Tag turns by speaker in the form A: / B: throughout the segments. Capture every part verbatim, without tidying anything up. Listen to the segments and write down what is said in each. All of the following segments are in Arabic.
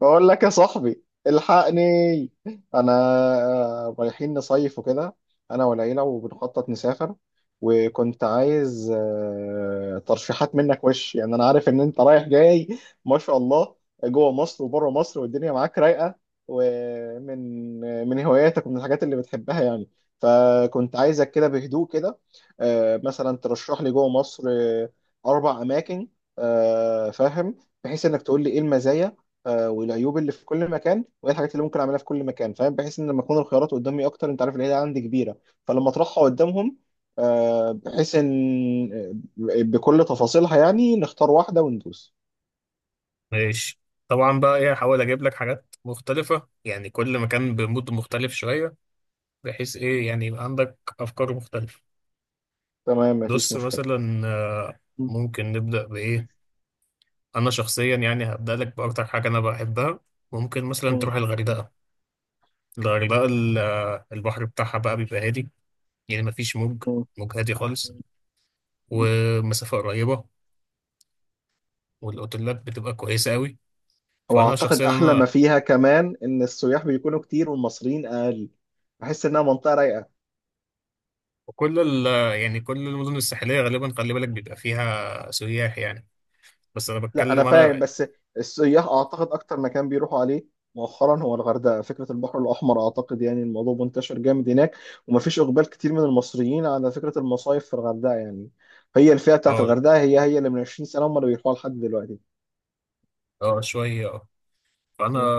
A: بقول لك يا صاحبي الحقني. انا رايحين نصيف وكده، انا والعيله، وبنخطط نسافر. وكنت عايز آه، ترشيحات منك وش، يعني انا عارف ان انت رايح جاي ما شاء الله جوه مصر وبره مصر والدنيا معاك رايقه، ومن من هواياتك ومن الحاجات اللي بتحبها يعني. فكنت عايزك كده بهدوء كده آه، مثلا ترشح لي جوه مصر آه، اربع اماكن. آه، فاهم، بحيث انك تقول لي ايه المزايا آه، والعيوب اللي في كل مكان، وايه الحاجات اللي ممكن اعملها في كل مكان، فاهم، بحيث ان لما تكون الخيارات قدامي اكتر، انت عارف العيله عندي كبيره، فلما اطرحها قدامهم آه، بحيث ان آه، بكل تفاصيلها يعني نختار واحده وندوس.
B: ماشي. طبعا بقى، ايه، هحاول اجيب لك حاجات مختلفة، يعني كل مكان بمود مختلف شوية، بحيث ايه، يعني يبقى عندك افكار مختلفة.
A: تمام، مفيش
B: بص
A: مشكله.
B: مثلا، آه،
A: م-.
B: ممكن نبدأ بايه؟ انا شخصيا يعني هبدأ لك باكتر حاجة انا بحبها. ممكن مثلا تروح
A: م-.
B: الغردقة. الغردقة ال- آه، البحر بتاعها بقى بيبقى هادي، يعني مفيش موج
A: م-.
B: موج هادي خالص،
A: م.
B: ومسافة قريبة، والاوتيلات بتبقى كويسة قوي. فانا
A: واعتقد
B: شخصيا
A: احلى ما فيها كمان ان السياح بيكونوا كتير والمصريين اقل، بحس انها منطقه رايقه.
B: وكل ال يعني كل المدن الساحلية غالبا خلي بالك بيبقى فيها سياح يعني. بس أنا
A: لا انا
B: بتكلم
A: فاهم،
B: أنا.
A: بس السياح اعتقد اكتر مكان بيروحوا عليه مؤخرا هو الغردقه. فكره البحر الاحمر اعتقد يعني الموضوع منتشر جامد هناك، ومفيش اقبال كتير من المصريين على فكره المصايف في الغردقه يعني. هي الفئه بتاعت
B: أه
A: الغردقه هي هي اللي من عشرين سنه هم اللي بيروحوا لحد دلوقتي.
B: أه شوية أه فأنا
A: م-.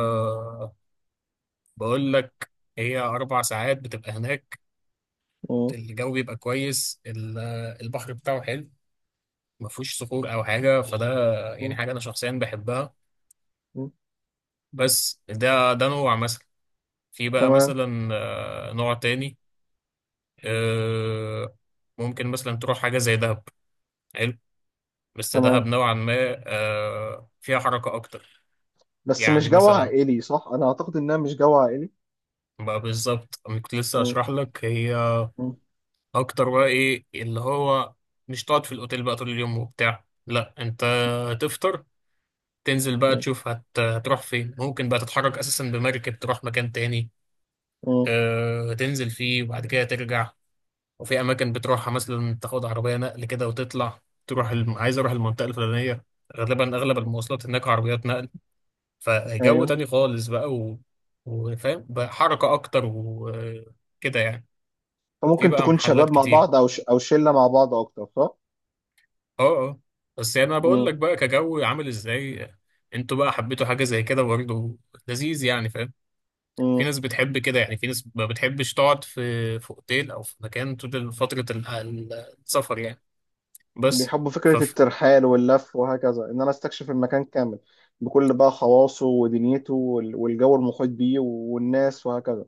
B: بقول لك، هي أربع ساعات بتبقى هناك،
A: م-.
B: الجو بيبقى كويس، ال- البحر بتاعه حلو، ما فيهوش صخور أو حاجة، فده يعني
A: م-.
B: حاجة أنا شخصيا بحبها.
A: م.
B: بس ده ده نوع مثلا. في بقى
A: تمام
B: مثلا آه، نوع تاني. آه، ممكن مثلا تروح حاجة زي دهب. حلو، بس دهب
A: تمام،
B: نوعا ما آه، فيها حركة أكتر.
A: بس مش
B: يعني
A: جو
B: مثلا
A: عائلي صح؟ انا اعتقد انها مش جو عائلي.
B: بقى، بالظبط أنا كنت لسه
A: م-.
B: أشرح لك، هي
A: م-.
B: أكتر بقى، إيه اللي هو، مش تقعد في الأوتيل بقى طول اليوم وبتاع، لأ، أنت
A: م-.
B: هتفطر، تنزل بقى
A: م-.
B: تشوف، هت... هتروح فين. ممكن بقى تتحرك أساسا بمركب، تروح مكان تاني، أه... تنزل فيه وبعد كده ترجع. وفي أماكن بتروحها مثلا تاخد عربية نقل كده وتطلع، تروح الم... عايز أروح المنطقة الفلانية. غالبا أغلب
A: م.
B: المواصلات هناك عربيات نقل. فجو
A: ايوه،
B: تاني خالص بقى و... وفاهم بقى، حركة أكتر وكده يعني. في
A: فممكن
B: بقى
A: تكون
B: محلات
A: شباب مع
B: كتير.
A: بعض، او ش... او شله مع بعض اكتر صح؟
B: اه، اه، بس يعني أنا بقول
A: م-.
B: لك بقى، كجو عامل ازاي، انتوا بقى حبيتوا حاجة زي كده برضه؟ لذيذ يعني، فاهم.
A: م.
B: في ناس بتحب كده، يعني في ناس ما بتحبش تقعد في في اوتيل او في مكان طول فترة ال- ال- السفر يعني. بس
A: بيحبوا فكرة
B: فف
A: الترحال واللف وهكذا، إن أنا أستكشف المكان كامل بكل بقى خواصه ودنيته وال- والجو المحيط بيه والناس وهكذا.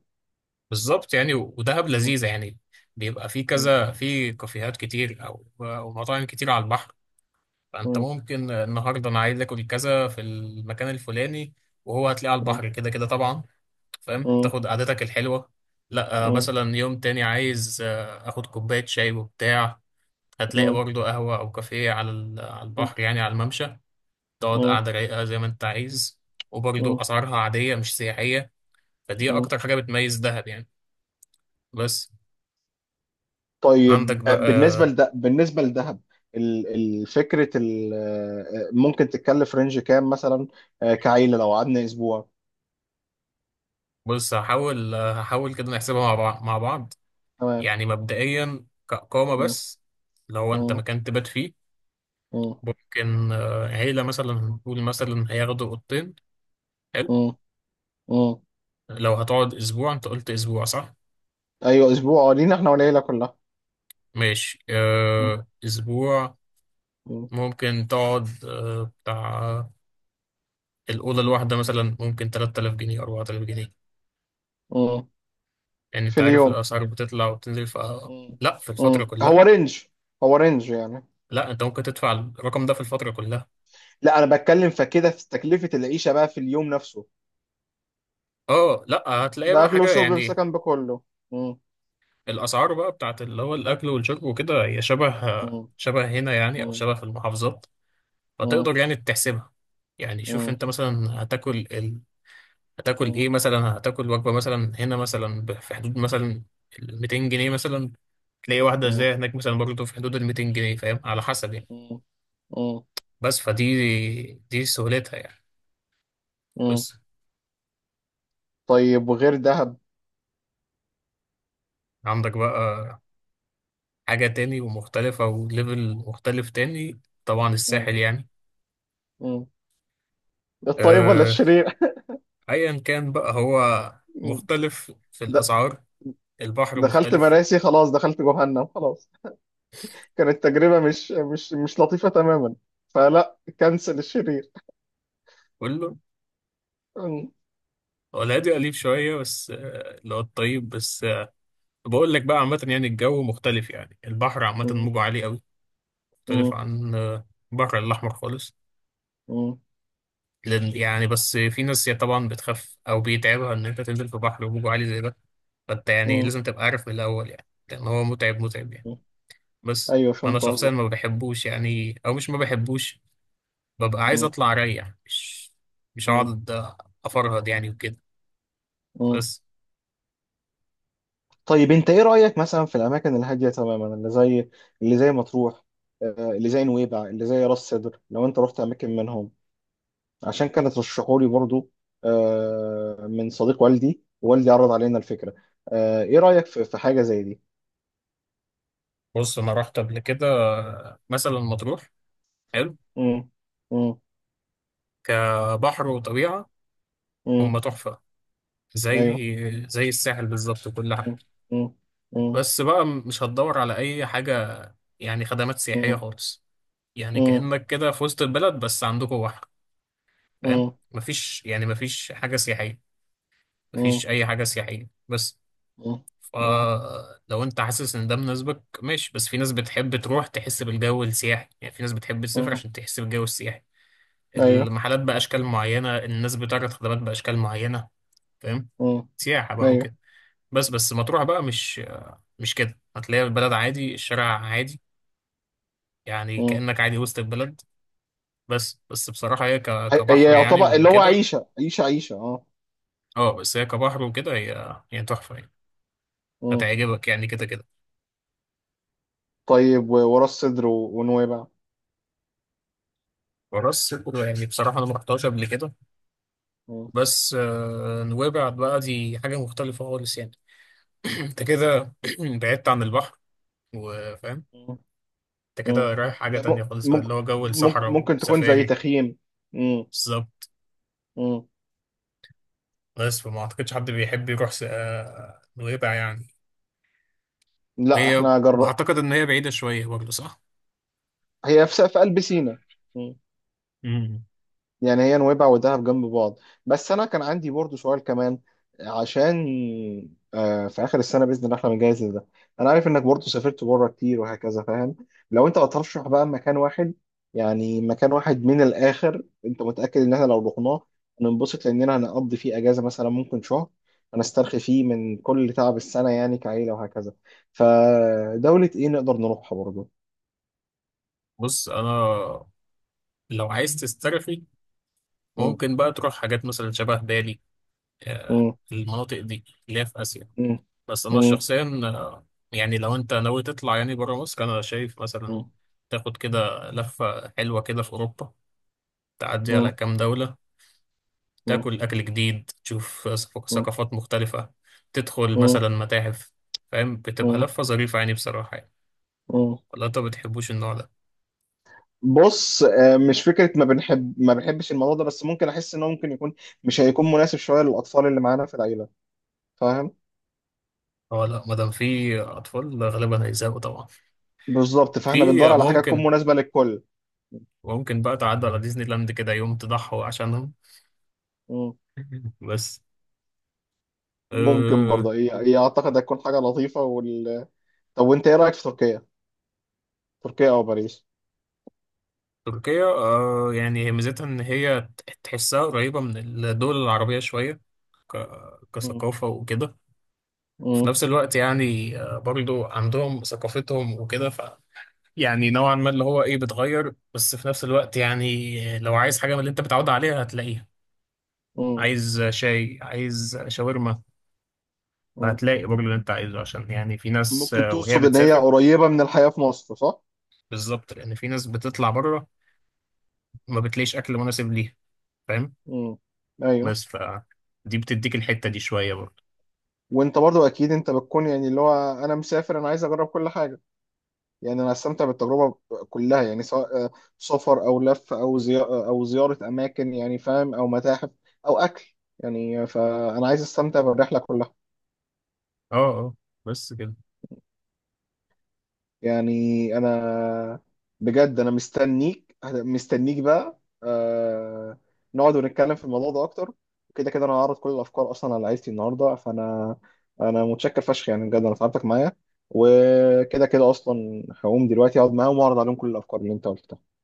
B: بالظبط يعني. ودهب
A: م-.
B: لذيذة يعني، بيبقى في
A: م-.
B: كذا، في كافيهات كتير او او مطاعم كتير على البحر. فانت
A: م-.
B: ممكن، النهارده انا عايز اكل كذا في المكان الفلاني، وهو هتلاقيه على
A: م-.
B: البحر كده كده طبعا، فاهم،
A: م-.
B: تاخد قعدتك الحلوه. لا آه،
A: م-.
B: مثلا يوم تاني عايز آه، اخد كوبايه شاي وبتاع، هتلاقي
A: م-.
B: برضه قهوه او كافيه على ال- على البحر، يعني على الممشى، تقعد
A: م-.
B: قعده رايقه زي ما انت عايز. وبرضه
A: م-.
B: اسعارها عاديه مش سياحيه. فدي
A: م.
B: اكتر حاجه بتميز دهب يعني. بس عندك
A: طيب آه،
B: بقى
A: بالنسبة
B: آه،
A: لده، بالنسبة لدهب ال- الفكرة ال- آه، ممكن تتكلف رينج كام مثلا آه، كعيلة لو قعدنا أسبوع؟
B: بص هحاول آه، هحاول كده نحسبها مع بعض مع بعض.
A: تمام.
B: يعني مبدئيا كإقامة
A: م-.
B: بس، لو أنت
A: م-.
B: مكان تبات فيه،
A: م-.
B: ممكن آه، عيلة مثلا نقول مثلا هياخدوا أوضتين. حلو.
A: م-. م.
B: لو هتقعد أسبوع، أنت قلت أسبوع صح؟
A: أيوه، أسبوع آه، لينا إحنا والعيلة كلها.
B: ماشي، آه، أسبوع.
A: م-.
B: ممكن تقعد آه، بتاع، الأوضة الواحدة مثلا ممكن تلات آلاف جنيه، أربعة آلاف جنيه.
A: مم.
B: يعني
A: في
B: أنت عارف
A: اليوم؟
B: الأسعار بتطلع وبتنزل. ف،
A: مم.
B: لا، في الفترة
A: مم.
B: كلها.
A: هو رينج، هو رينج يعني؟
B: لا، أنت ممكن تدفع الرقم ده في الفترة كلها.
A: لا انا بتكلم فكده في تكلفة العيشة بقى في اليوم نفسه،
B: اه، لا هتلاقي بقى
A: باكل
B: حاجة
A: وشرب
B: يعني،
A: بسكن بكله. مم.
B: الاسعار بقى بتاعت اللي هو الاكل والشرب وكده، هي شبه،
A: مم.
B: شبه هنا يعني، او
A: مم.
B: شبه في المحافظات،
A: مم.
B: فتقدر يعني تحسبها. يعني شوف
A: مم.
B: انت مثلا، هتاكل ال... هتاكل
A: مم.
B: ايه مثلا، هتاكل وجبه مثلا هنا مثلا، ب- في حدود مثلا ال مئتين جنيه مثلا، تلاقي واحده
A: مم.
B: زي هناك مثلا برضه في حدود ال ميتين جنيه، فاهم، على حسب يعني.
A: مم. مم.
B: بس فدي دي سهولتها يعني.
A: مم.
B: بس
A: طيب، وغير دهب؟
B: عندك بقى حاجه تاني ومختلفه وليفل مختلف تاني، طبعا
A: مم.
B: الساحل يعني.
A: مم. الطيب ولا
B: آه،
A: الشرير؟
B: ايا كان بقى، هو
A: مم.
B: مختلف في
A: د-
B: الاسعار، البحر
A: دخلت
B: مختلف،
A: مراسي خلاص، دخلت جهنم خلاص، كانت تجربة مش مش مش لطيفة تماما. فلا، كنسل الشرير.
B: كله.
A: مم.
B: هو الهادي قليل شويه، بس آه، اللي هو الطيب، بس آه، بقول لك بقى، عامه يعني الجو مختلف، يعني البحر عامه موجه عالي قوي، مختلف
A: مم.
B: عن آه، البحر الاحمر خالص.
A: مم.
B: لأن- يعني بس في ناس يعني طبعا بتخاف، او بيتعبها ان انت تنزل في بحر وموجه عالي زي ده. فانت يعني
A: مم.
B: لازم تبقى عارف من الاول، يعني لان هو متعب، متعب يعني.
A: مم.
B: بس
A: ايوه،
B: انا
A: فهمت
B: شخصيا
A: قصدك.
B: ما بحبوش يعني، او مش ما بحبوش، ببقى عايز
A: مم.
B: اطلع اريح، مش مش
A: مم.
B: هقعد افرهد يعني وكده.
A: مم.
B: بس.
A: طيب انت ايه رأيك مثلا في الاماكن الهادية تماما اللي زي، اللي زي مطروح، آه، اللي زي نويبع، اللي زي راس سدر؟ لو انت رحت اماكن منهم، عشان كانت رشحوا لي برضو آه، من صديق والدي، والدي عرض علينا الفكرة. آه، ايه رأيك في في حاجة زي دي؟
B: بص انا رحت قبل كده مثلا مطروح، حلو
A: مم. مم.
B: كبحر وطبيعه،
A: مم.
B: هم تحفه،
A: ايوه.
B: زي، زي الساحل بالظبط وكل حاجه.
A: مم. مم. مم.
B: بس بقى مش هتدور على اي حاجه، يعني خدمات سياحيه
A: مم.
B: خالص، يعني
A: مم.
B: كانك كده في وسط البلد بس عندكم بحر، فاهم.
A: مم.
B: مفيش يعني، مفيش حاجه سياحيه، مفيش
A: مم.
B: اي حاجه سياحيه. بس
A: مم.
B: فلو انت حاسس ان ده مناسبك ماشي. بس في ناس بتحب تروح تحس بالجو السياحي، يعني في ناس بتحب تسافر
A: مم.
B: عشان تحس بالجو السياحي،
A: ايوه.
B: المحلات بأشكال معينة، الناس بتعرض خدمات بأشكال معينة، فاهم،
A: مم.
B: سياحة بقى
A: ايوه،
B: وكده. بس بس مطروح بقى مش، مش كده، هتلاقي البلد عادي، الشارع عادي، يعني كأنك عادي وسط البلد. بس بس بصراحة هي ك-
A: هي هي
B: كبحر يعني
A: يعتبر اللي هو
B: وكده.
A: عيشة عيشة عيشة اه.
B: اه بس هي كبحر وكده هي هي تحفة يعني،
A: مم.
B: هتعجبك يعني كده كده.
A: طيب، و- وراس الصدر و- ونويبع؟
B: وراس صدر يعني بصراحة أنا ما رحتهاش قبل كده.
A: مم.
B: بس آه، نويبع بقى دي حاجة مختلفة خالص يعني. انت كده بعدت عن البحر، وفاهم،
A: مم.
B: انت
A: مم.
B: كده رايح حاجة
A: يا
B: تانية
A: م-
B: خالص بقى، اللي
A: ممكن،
B: هو جو
A: ممكن
B: الصحراء
A: ممكن تكون زي
B: وسفاري.
A: تخييم. مم.
B: بالظبط.
A: مم.
B: بس فما اعتقدش حد بيحب يروح س- آه، نويبع يعني.
A: لا
B: وهي
A: احنا جر...
B: اعتقد ان هي بعيدة شوية برضه صح؟
A: هي في في قلب سينا،
B: مم.
A: يعني هي نويبع ودهب جنب بعض. بس انا كان عندي برضو سؤال كمان، عشان آه، في اخر السنه باذن الله احنا بنجهز لده. انا عارف انك برضو سافرت بره كتير وهكذا، فاهم، لو انت هترشح بقى مكان واحد، يعني مكان واحد من الاخر انت متاكد ان احنا لو رحناه هننبسط لاننا هنقضي فيه اجازه مثلا ممكن شهر، هنسترخي فيه من كل تعب السنه يعني كعيله وهكذا، فدوله ايه نقدر نروحها برضو؟
B: بص انا، لو عايز تسترخي
A: مم.
B: ممكن بقى تروح حاجات مثلا شبه بالي، آه،
A: مم.
B: المناطق دي اللي هي في آسيا.
A: مم.
B: بس انا
A: مم.
B: شخصيا آه، يعني لو انت ناوي تطلع يعني بره مصر، انا شايف مثلا تاخد كده لفة حلوة كده في اوروبا، تعدي على
A: مم.
B: كام دولة،
A: مم.
B: تاكل اكل جديد، تشوف ثق-
A: مم.
B: ثقافات مختلفة، تدخل
A: مم.
B: مثلا متاحف، فاهم، بتبقى
A: مم.
B: لفة ظريفة يعني بصراحة يعني.
A: مم.
B: ولا انت بتحبوش النوع ده؟
A: بص آه، مش فكرة ما بنحب ما بنحبش الموضوع ده، بس ممكن أحس إنه ممكن يكون مش هيكون مناسب شوية للأطفال اللي معانا في العيلة، فاهم.
B: هو لا، مادام في اطفال غالبا هيزهقوا طبعا.
A: بالظبط، فإحنا بندور
B: في
A: على حاجة تكون
B: ممكن،
A: مناسبة للكل.
B: ممكن بقى تعدي على ديزني لاند كده يوم تضحوا عشانهم.
A: مم.
B: بس
A: ممكن
B: آه،
A: برضه هي هي أعتقد هتكون حاجة لطيفة وال... طب وأنت إيه رأيك في تركيا؟ تركيا أو باريس؟
B: تركيا، آه يعني هي ميزتها ان هي ت- تحسها قريبة من الدول العربية شوية، ك-
A: مم.
B: كثقافة وكده. في
A: مم.
B: نفس الوقت يعني آه برضو عندهم ثقافتهم وكده. ف يعني نوعا ما اللي هو ايه، بتغير، بس في نفس الوقت يعني لو عايز حاجة من اللي انت متعود عليها هتلاقيها.
A: مم.
B: عايز شاي، عايز شاورما،
A: مم.
B: فهتلاقي برضو اللي انت عايزه. عشان يعني في ناس
A: ممكن
B: آه، وهي
A: تقصد إن هي
B: بتسافر
A: قريبة من الحياة في مصر صح؟
B: بالظبط، لان في ناس بتطلع بره ما بتلاقيش اكل مناسب ليها، فاهم.
A: مم. أيوه.
B: بس ف، دي بتديك الحتة دي شوية.
A: وأنت برضه أكيد أنت بتكون يعني اللي هو أنا مسافر، أنا عايز أجرب كل حاجة. يعني انا استمتع بالتجربه كلها، يعني سواء آه، سفر او لف او زي او زياره اماكن، يعني فاهم، او متاحف او اكل، يعني فانا عايز استمتع بالرحله كلها.
B: اه اه بس كده.
A: يعني انا، بجد انا مستنيك مستنيك بقى آه، نقعد ونتكلم في الموضوع ده اكتر. كده كده انا هعرض كل الافكار اصلا على عيلتي النهارده، فانا انا متشكر فشخ يعني، بجد انا تعبتك معايا، وكده كده اصلا هقوم دلوقتي اقعد معاهم واعرض عليهم كل الافكار اللي انت قلتها.